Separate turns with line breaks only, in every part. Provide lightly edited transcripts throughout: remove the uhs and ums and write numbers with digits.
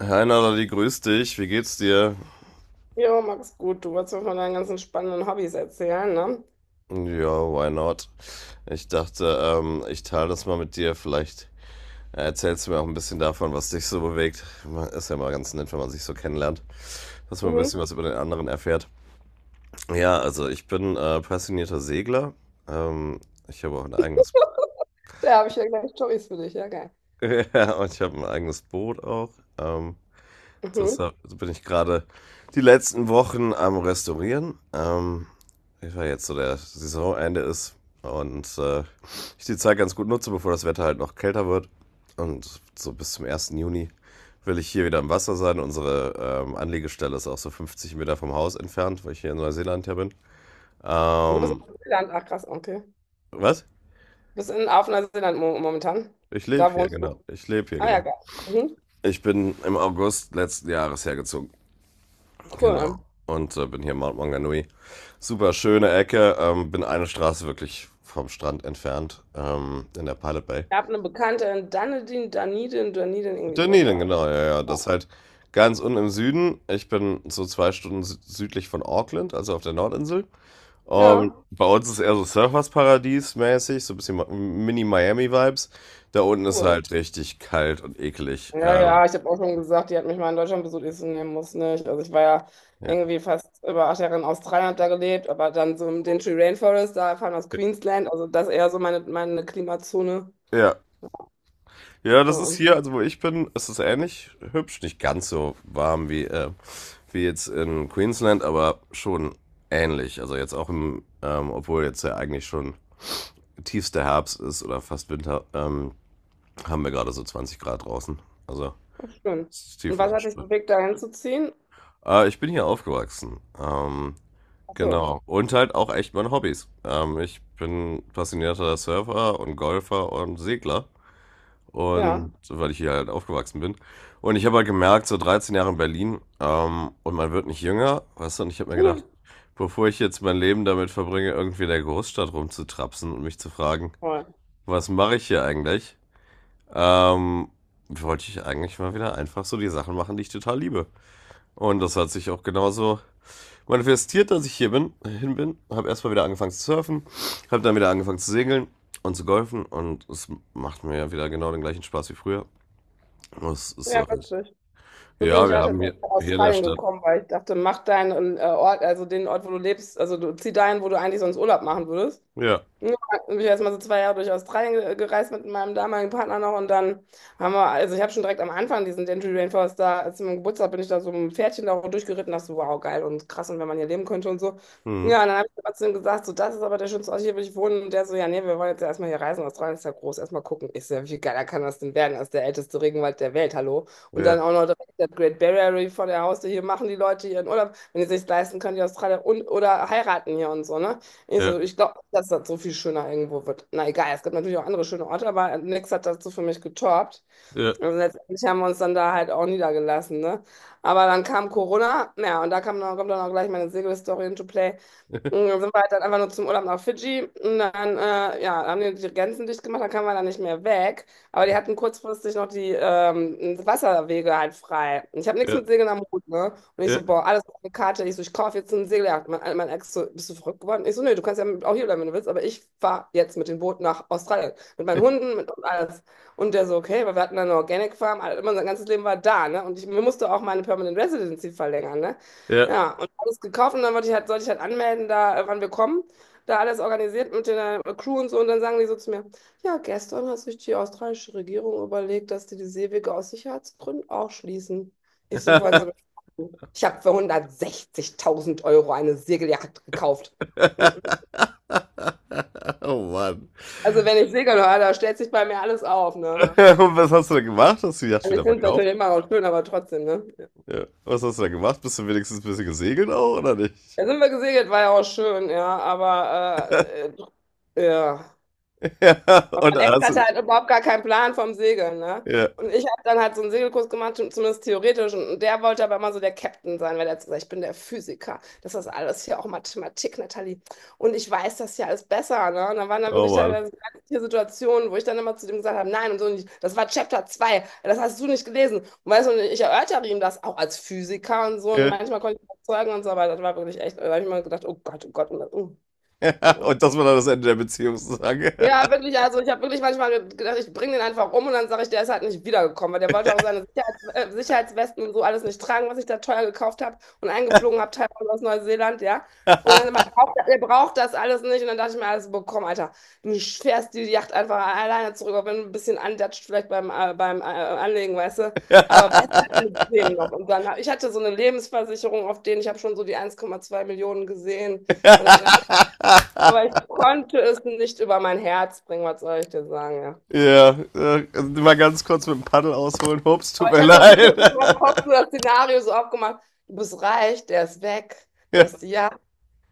Hi Natalie, grüß dich. Wie geht's dir?
Jo, mach's gut, du wolltest mir von deinen ganzen spannenden Hobbys erzählen, ne?
Ja, why not? Ich dachte, ich teile das mal mit dir. Vielleicht erzählst du mir auch ein bisschen davon, was dich so bewegt. Ist ja mal ganz nett, wenn man sich so kennenlernt, dass man ein
Mhm.
bisschen was über den anderen erfährt. Ja, also ich bin passionierter Segler. Ähm, ich habe auch ein eigenes,
Da habe ich ja gleich Storys für dich, ja, geil.
ja, und ich habe ein eigenes Boot auch. Ähm, Das
Mhm.
so bin ich gerade die letzten Wochen am Restaurieren. Ich war jetzt so der Saisonende ist und ich die Zeit ganz gut nutze, bevor das Wetter halt noch kälter wird. Und so bis zum 1. Juni will ich hier wieder im Wasser sein. Unsere Anlegestelle ist auch so 50 Meter vom Haus entfernt, weil ich hier in Neuseeland ja bin.
Und du bist in
Ähm,
Neuseeland, ach krass, okay.
was?
Bist auf Neuseeland mo momentan.
Ich lebe
Da
hier,
wohnst
genau.
du.
Ich lebe hier,
Ah ja,
genau.
geil. Mhm.
Ich bin im August letzten Jahres hergezogen. Genau.
Cool.
Und bin hier in Mount Maunganui. Super schöne Ecke. Bin eine Straße wirklich vom Strand entfernt in der Pilot Bay.
Ich habe eine Bekannte in Dunedin, Dunedin, Dunedin, irgendwie sowas
Dunedin,
da.
genau, ja, ja.
Ja,
Das ist halt ganz unten im Süden. Ich bin so zwei Stunden südlich von Auckland, also auf der Nordinsel.
ja,
Und bei uns ist eher so Surfersparadies mäßig, so ein bisschen Mini-Miami-Vibes. Da unten ist
cool.
halt richtig kalt und eklig.
Ja, ja, ich habe auch schon gesagt, die hat mich mal in Deutschland besucht. Ich so, nee, muss nicht. Also ich war ja
Ja.
irgendwie fast über 8 Jahre in Australien, habe da gelebt, aber dann so im Daintree Rainforest, da fahren aus Queensland, also das eher so meine Klimazone.
Ja, Ja, das ist
Ja,
hier, also wo ich bin, ist es ähnlich hübsch. Nicht ganz so warm wie, wie jetzt in Queensland, aber schon ähnlich. Also jetzt auch im, obwohl jetzt ja eigentlich schon tiefster Herbst ist oder fast Winter, haben wir gerade so 20 Grad draußen. Also
schön.
es ist
Und was hat dich
tiefenentspannt.
bewegt, da hinzuziehen?
Ich bin hier aufgewachsen.
Ach so,
Genau. Und halt auch echt meine Hobbys. Ich bin passionierter Surfer und Golfer und Segler.
ja.
Und so, weil ich hier halt aufgewachsen bin. Und ich habe halt gemerkt, so 13 Jahre in Berlin, und man wird nicht jünger, weißt du, und ich habe mir gedacht,
Hm,
bevor ich jetzt mein Leben damit verbringe, irgendwie in der Großstadt rumzutrapsen und mich zu fragen,
toll.
was mache ich hier eigentlich, ähm, wollte ich eigentlich mal wieder einfach so die Sachen machen, die ich total liebe. Und das hat sich auch genauso manifestiert, dass ich hier bin, hin bin. Habe erstmal wieder angefangen zu surfen, habe dann wieder angefangen zu segeln und zu golfen und es macht mir ja wieder genau den gleichen Spaß wie früher. Das ist
Ja,
doch nicht.
witzig. So bin
Ja,
ich
wir
auch
haben
tatsächlich
hier,
nach
hier in der
Australien
Stadt.
gekommen, weil ich dachte, mach deinen Ort, also den Ort, wo du lebst, also du zieh dahin, wo du eigentlich sonst Urlaub machen würdest.
Ja.
Ja, ich bin ich erstmal so 2 Jahre durch Australien gereist mit meinem damaligen Partner noch. Und dann haben wir, also ich habe schon direkt am Anfang diesen Denali Rainforest da, als meinem Geburtstag bin ich da so mit einem Pferdchen da durchgeritten, dachte so, wow, geil und krass und wenn man hier leben könnte und so.
Mhm.
Ja, und dann habe ich trotzdem gesagt, so, das ist aber der schönste Ort, hier will ich wohnen. Und der so, ja, nee, wir wollen jetzt ja erstmal hier reisen, Australien ist ja groß, erstmal gucken. Ich so, ja, wie geiler kann das denn werden, das ist der älteste Regenwald der Welt, hallo. Und
Ja,
dann auch noch direkt das Great Barrier Reef vor der Haustür, hier machen die Leute ihren Urlaub, wenn die sich leisten können, die Australier, und oder heiraten hier und so, ne? Ich
ja,
so, ich glaube nicht, dass das so viel schöner irgendwo wird. Na egal, es gibt natürlich auch andere schöne Orte, aber nichts hat dazu für mich getoppt.
ja,
Und letztendlich haben wir uns dann da halt auch niedergelassen, ne? Aber dann kam Corona, ja, und da kam dann, kommt dann auch gleich meine Segel-Story into play. Und dann sind wir halt dann einfach nur zum Urlaub nach Fidschi, und dann, ja, haben die die Grenzen dicht gemacht, dann kamen wir da nicht mehr weg. Aber die hatten kurzfristig noch die Wasserwege halt frei. Und ich habe nichts
ja,
mit Segeln am Hut, ne? Und ich
ja,
so, boah, alles auf eine Karte. Ich so, ich kaufe jetzt ein Segeljagd. Mein Ex so, bist du verrückt geworden? Ich so, nee, du kannst ja auch hier bleiben, wenn du willst, aber ich fahre jetzt mit dem Boot nach Australien. Mit meinen Hunden, mit und alles. Und der so, okay, weil wir hatten dann eine Organic Farm, also immer unser ganzes Leben war da, ne? Und ich mir musste auch meine Permanent Residency verlängern, ne?
ja.
Ja, und alles gekauft, und dann wollte ich halt, sollte ich halt anmelden, da, wann wir kommen. Da alles organisiert mit der Crew und so. Und dann sagen die so zu mir, ja, gestern hat sich die australische Regierung überlegt, dass die die Seewege aus Sicherheitsgründen auch schließen. Ich so, wollen Sie mich verarschen? Ich habe für 160.000 Euro eine Segeljacht gekauft. Hm.
Oh Mann.
Also wenn ich segeln höre, da stellt sich bei mir alles auf, ne?
Und was hast du da gemacht? Hast du die Yacht
Also ich
wieder
finde es
verkauft?
natürlich immer auch schön, aber trotzdem, ne?
Ja. Was hast du da gemacht? Bist du wenigstens ein bisschen gesegelt auch, oder nicht?
Da sind wir gesegelt, war ja auch schön, ja, aber ja.
Ja.
Und
Und
mein
dann
Ex
hast
hatte
du.
halt überhaupt gar keinen Plan vom Segeln, ne?
Ja.
Und ich habe dann halt so einen Segelkurs gemacht, schon zumindest theoretisch. Und der wollte aber immer so der Captain sein, weil der hat gesagt, ich bin der Physiker. Das ist alles hier auch Mathematik, Nathalie. Und ich weiß das ja alles besser, ne? Und dann waren da
Oh
wirklich
Mann.
teilweise ganz viele Situationen, wo ich dann immer zu dem gesagt habe, nein und so nicht. Das war Chapter 2. Das hast du nicht gelesen. Und weißt du, und ich erörtere ihm das auch als Physiker und so. Und
Ja.
manchmal konnte ich ihn überzeugen und so, aber das war wirklich echt, da habe ich mal gedacht, oh Gott, oh Gott, oh Gott. Oh. Oh.
Und das war dann das Ende der Beziehung sozusagen.
Ja, wirklich, also ich habe wirklich manchmal gedacht, ich bringe den einfach um und dann sage ich, der ist halt nicht wiedergekommen, weil der wollte auch seine Sicherheitswesten und so alles nicht tragen, was ich da teuer gekauft habe und eingeflogen habe, teilweise aus Neuseeland, ja. Und dann immer, er braucht er braucht das alles nicht. Und dann dachte ich mir, alles bekommen, Alter. Du fährst die Yacht einfach alleine zurück, auch wenn du ein bisschen andatscht, vielleicht beim Anlegen, weißt du.
Ja.
Aber besser als mit dem noch. Und dann, ich hatte so eine Lebensversicherung auf den, ich habe schon so die 1,2 Millionen gesehen. Und dann, ich aber ich konnte es nicht über mein Herz bringen, was soll ich dir sagen, ja.
Ja, also mal ganz kurz mit dem Paddel ausholen. Ups, tut
Aber ich
mir
habe da so
leid.
kurz in meinem Kopf so das Szenario so aufgemacht, du bist reich, der ist weg, du
ja,
hast die Yacht.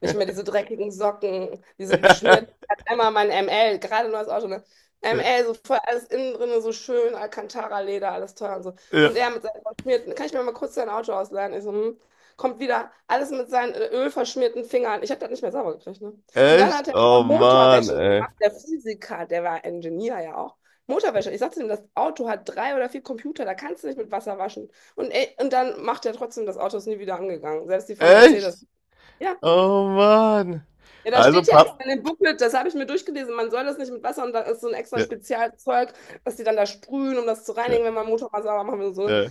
Nicht mehr diese dreckigen Socken, diese
ja,
beschmierten. Ich hatte einmal mein ML, gerade neues Auto, ne?
ja,
ML, so voll alles innen drin, so schön, Alcantara-Leder, alles teuer und so.
ja.
Und er mit seinen verschmierten, kann ich mir mal kurz dein Auto ausleihen? Ich so, hm. Kommt wieder, alles mit seinen ölverschmierten Fingern. Ich habe das nicht mehr sauber gekriegt, ne? Und dann
Echt?
hat er noch
Oh Mann,
Motorwäsche
ey.
gemacht, der Physiker, der war Ingenieur ja auch. Motorwäsche. Ich sagte ihm, das Auto hat 3 oder 4 Computer, da kannst du nicht mit Wasser waschen. Und, ey, und dann macht er trotzdem, das Auto ist nie wieder angegangen. Selbst die von Mercedes.
Echt?
Ja.
Oh Mann.
Ja, da
Also
steht ja extra
Papp.
in dem Booklet, das habe ich mir durchgelesen, man soll das nicht mit Wasser, und da ist so ein extra
Ja,
Spezialzeug, was die dann da sprühen, um das zu
ja,
reinigen, wenn man Motor mal sauber machen will. So.
ja.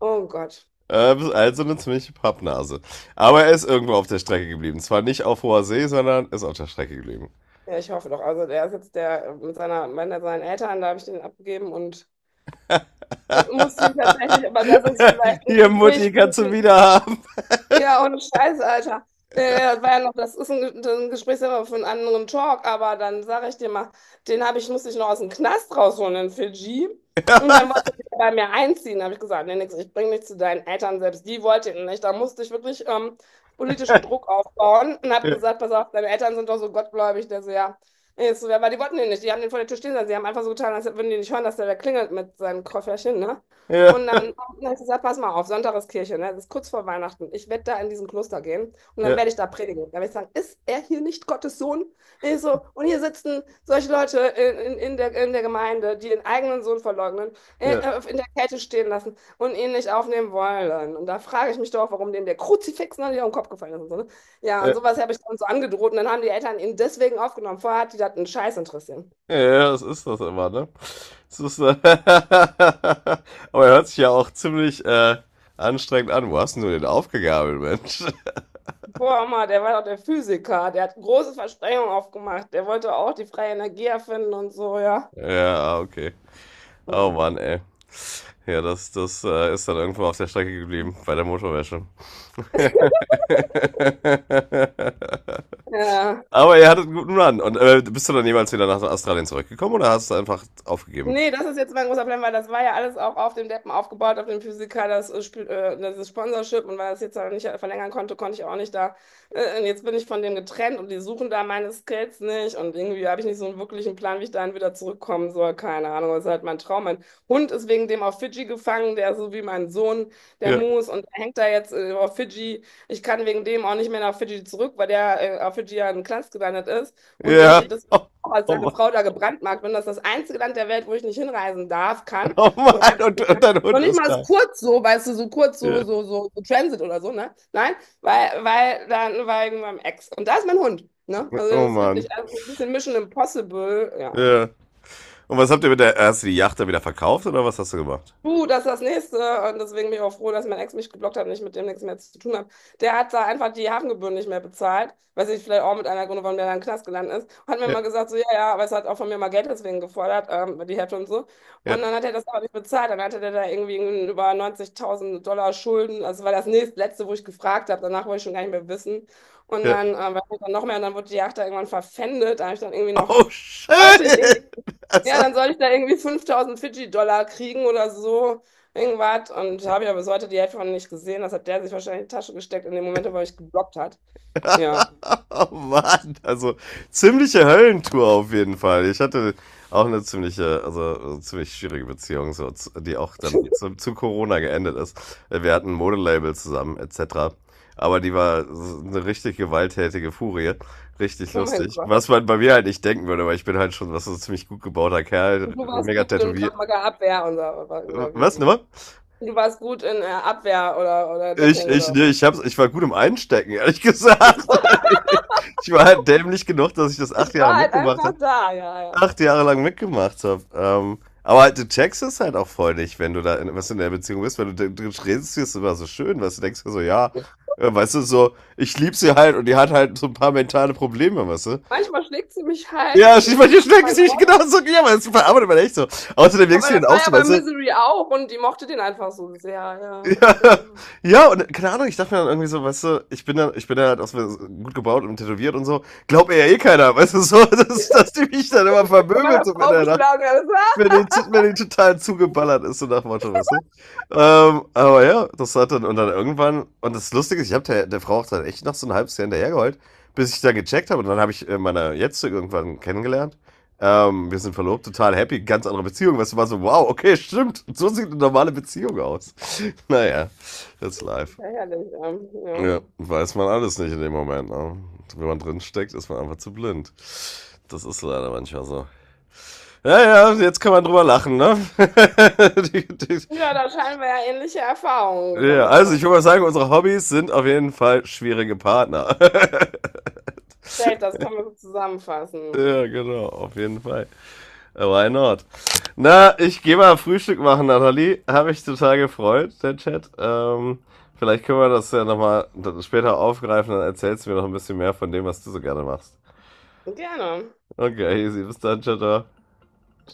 Oh Gott.
Bist Also eine ziemliche Pappnase. Aber er ist irgendwo auf der Strecke geblieben. Zwar nicht auf hoher See, sondern ist auf der Strecke geblieben.
Ja, ich hoffe doch. Also der ist jetzt der mit seinen Eltern, da habe ich den abgegeben und muss ihn tatsächlich, aber das ist vielleicht ein
Hier, Mutti,
Gespräch.
kannst du wieder haben.
Ja, ohne Scheiße, Alter. Das war ja noch, das ist ein Gesprächsthema für einen anderen Talk, aber dann sage ich dir mal, den habe ich, musste ich noch aus dem Knast rausholen in Fidschi. Und dann wollte er bei mir einziehen. Da habe ich gesagt, nee, nix, ich bringe dich zu deinen Eltern selbst. Die wollten ihn nicht. Da musste ich wirklich politischen Druck aufbauen und habe
Ja,
gesagt, pass auf, deine Eltern sind doch so gottgläubig. Der so, ja. Ich so, ja, aber die wollten ihn nicht. Die haben den vor der Tür stehen lassen. Sie haben einfach so getan, als würden die nicht hören, dass der da klingelt mit seinem Kofferchen, ne?
ja,
Und dann habe ich gesagt, pass mal auf, Sonntag ist Kirche, ne? Das ist kurz vor Weihnachten. Ich werde da in diesen Kloster gehen und dann
ja,
werde ich da predigen. Dann werde ich sagen, ist er hier nicht Gottes Sohn? Ich so, und hier sitzen solche Leute in der Gemeinde, die den eigenen Sohn verleugnen,
ja,
in der Kälte stehen lassen und ihn nicht aufnehmen wollen. Und da frage ich mich doch, warum denen der Kruzifix noch nicht auf den Kopf gefallen ist und so, ne? Ja, und
ja.
sowas habe ich dann so angedroht, und dann haben die Eltern ihn deswegen aufgenommen. Vorher hat die das einen Scheiß interessiert.
Ja, ja, das ist das immer, ne? Das ist, aber er hört sich ja auch ziemlich anstrengend an. Wo hast denn du den aufgegabelt, Mensch?
Boah, Mann, der war doch der Physiker, der hat große Versprechungen aufgemacht, der wollte auch die freie Energie erfinden und so, ja.
Ja, okay. Oh
Ja.
Mann, ey. Ja, das, das ist dann irgendwo auf der Strecke geblieben, bei der Motorwäsche.
Ja.
Aber ihr hattet einen guten Run. Und bist du dann jemals wieder nach Australien zurückgekommen oder hast du einfach aufgegeben?
Nee, das ist jetzt mein großer Plan, weil das war ja alles auch auf dem Deppen aufgebaut, auf dem Physiker, das Sponsorship, und weil das jetzt aber nicht verlängern konnte, konnte ich auch nicht da. Und jetzt bin ich von dem getrennt und die suchen da meine Skills nicht, und irgendwie habe ich nicht so einen wirklichen Plan, wie ich dahin wieder zurückkommen soll. Keine Ahnung, das ist halt mein Traum. Mein Hund ist wegen dem auf Fidschi gefangen, der ist so wie mein Sohn, der
Ja.
Moose, und der hängt da jetzt auf Fidschi. Ich kann wegen dem auch nicht mehr nach Fidschi zurück, weil der auf Fidschi ja in Knast gelandet ist. Und
Ja.
ich, das auch als
Oh, oh
seine
Mann.
Frau da gebrandmarkt bin. Das ist das einzige Land der Welt, wo ich nicht hinreisen darf, kann
Oh
oder
Mann. Und,
einreisen
und
kann.
dein
Noch
Hund
nicht
ist
mal ist
da.
kurz so, weißt du, so kurz so,
Ja.
so, so, so Transit oder so, ne? Nein, weil dann war ich mit meinem Ex. Und da ist mein Hund, ne? Also
Oh
das ist
Mann.
wirklich, also ein bisschen Mission Impossible, ja.
Ja. Und was habt ihr mit der. Hast du die Yacht da wieder verkauft oder was hast du gemacht?
Du, das ist das Nächste. Und deswegen bin ich auch froh, dass mein Ex mich geblockt hat und ich mit dem nichts mehr zu tun habe. Der hat da einfach die Hafengebühren nicht mehr bezahlt. Weiß ich, vielleicht auch mit einer Gründe, warum der dann im Knast gelandet ist. Und hat mir
Ja,
mal gesagt, so, ja, ja, aber es hat auch von mir mal Geld deswegen gefordert, die Hälfte und so.
ja,
Und dann hat er das aber nicht bezahlt. Dann hatte der da irgendwie über 90.000 Dollar Schulden. Also das war das nächstletzte, wo ich gefragt habe. Danach wollte ich schon gar nicht mehr wissen. Und
ja.
dann, war ich dann noch mehr. Und dann wurde die Yacht da irgendwann verpfändet. Da habe ich dann irgendwie noch,
Oh
wollte ich irgendwie,
shit!
ja,
Also,
dann soll ich da irgendwie 5000 Fidschi-Dollar kriegen oder so, irgendwas. Und habe ja bis heute die Hälfte von nicht gesehen. Das hat der sich wahrscheinlich in die Tasche gesteckt in dem Moment, wo er mich geblockt hat. Ja.
oh Mann, also ziemliche Höllentour auf jeden Fall. Ich hatte auch eine ziemliche, also eine ziemlich schwierige Beziehung, so, die auch dann zu, zu Corona geendet ist. Wir hatten ein Modelabel zusammen, etc. Aber die war so eine richtig gewalttätige Furie. Richtig
Oh mein
lustig.
Gott.
Was man bei mir halt nicht denken würde, weil ich bin halt schon was so ein ziemlich gut gebauter Kerl,
Du warst
mega
gut in Krav
tätowiert.
Maga Abwehr und so, oder
Was,
wie?
nochmal?
Du warst gut in Abwehr oder Deckung oder
Nee, hab's, ich war gut im Einstecken, ehrlich
was.
gesagt. Ich war halt dämlich genug, dass ich das
Ich
8 Jahre
war halt
mitgemacht
einfach
habe.
da, ja, ja.
Acht Jahre lang mitgemacht habe. Aber halt, du checkst es halt auch voll nicht, wenn du da in, was in der Beziehung bist, wenn du redest, ist immer so schön, was du denkst dir so, ja, weißt du, so, ich lieb sie halt und die hat halt so ein paar mentale Probleme, weißt du?
Manchmal schlägt sie mich halt
Ja,
mit dem Hammer
manche
in
schmecken
meinen
sich
Kopf.
genauso, ja, aber das verarbeitet man echt so. Außerdem denkst
Aber
du dir
das
dann
war
auch
ja
so,
bei
weißt du,
Misery auch, und die mochte den einfach so sehr, ja.
ja, ja, und keine Ahnung, ich dachte mir dann irgendwie so, weißt du, ich bin dann halt auch so gut gebaut und tätowiert und so. Glaubt mir ja eh keiner, weißt du, so, dass die mich dann immer
Von
vermöbelt
meiner
so
Frau
miteinander
geschlagen, alles.
wenn wenn die total zugeballert ist, so nach Motto, weißt du? Aber ja, das hat dann, und dann irgendwann, und das Lustige ist, ich habe der Frau auch dann echt noch so ein halbes Jahr hinterhergeheult, bis ich dann gecheckt habe, und dann habe ich meine Jetzige irgendwann kennengelernt. Wir sind verlobt, total happy, ganz andere Beziehung, weißt du, war so, wow, okay, stimmt, so sieht eine normale Beziehung aus. Naja, that's life.
Sehr ja.
Ja, weiß man alles nicht in dem Moment, ne? Wenn man drin steckt, ist man einfach zu blind. Das ist leider manchmal so. Ja, ja, jetzt kann man drüber lachen, ne? die, die,
Ja, da scheinen wir ja ähnliche Erfahrungen
ja,
gesammelt zu
also ich
haben.
würde mal sagen, unsere Hobbys sind auf jeden Fall schwierige Partner.
Safe, das können wir so zusammenfassen.
ja, genau, auf jeden Fall. Why not? Na, ich gehe mal Frühstück machen, Nathalie. Habe ich total gefreut, der Chat. Vielleicht können wir das ja nochmal später aufgreifen, dann erzählst du mir noch ein bisschen mehr von dem, was du so gerne machst.
Gerne.
Okay, easy. Bis dann, ciao, ciao.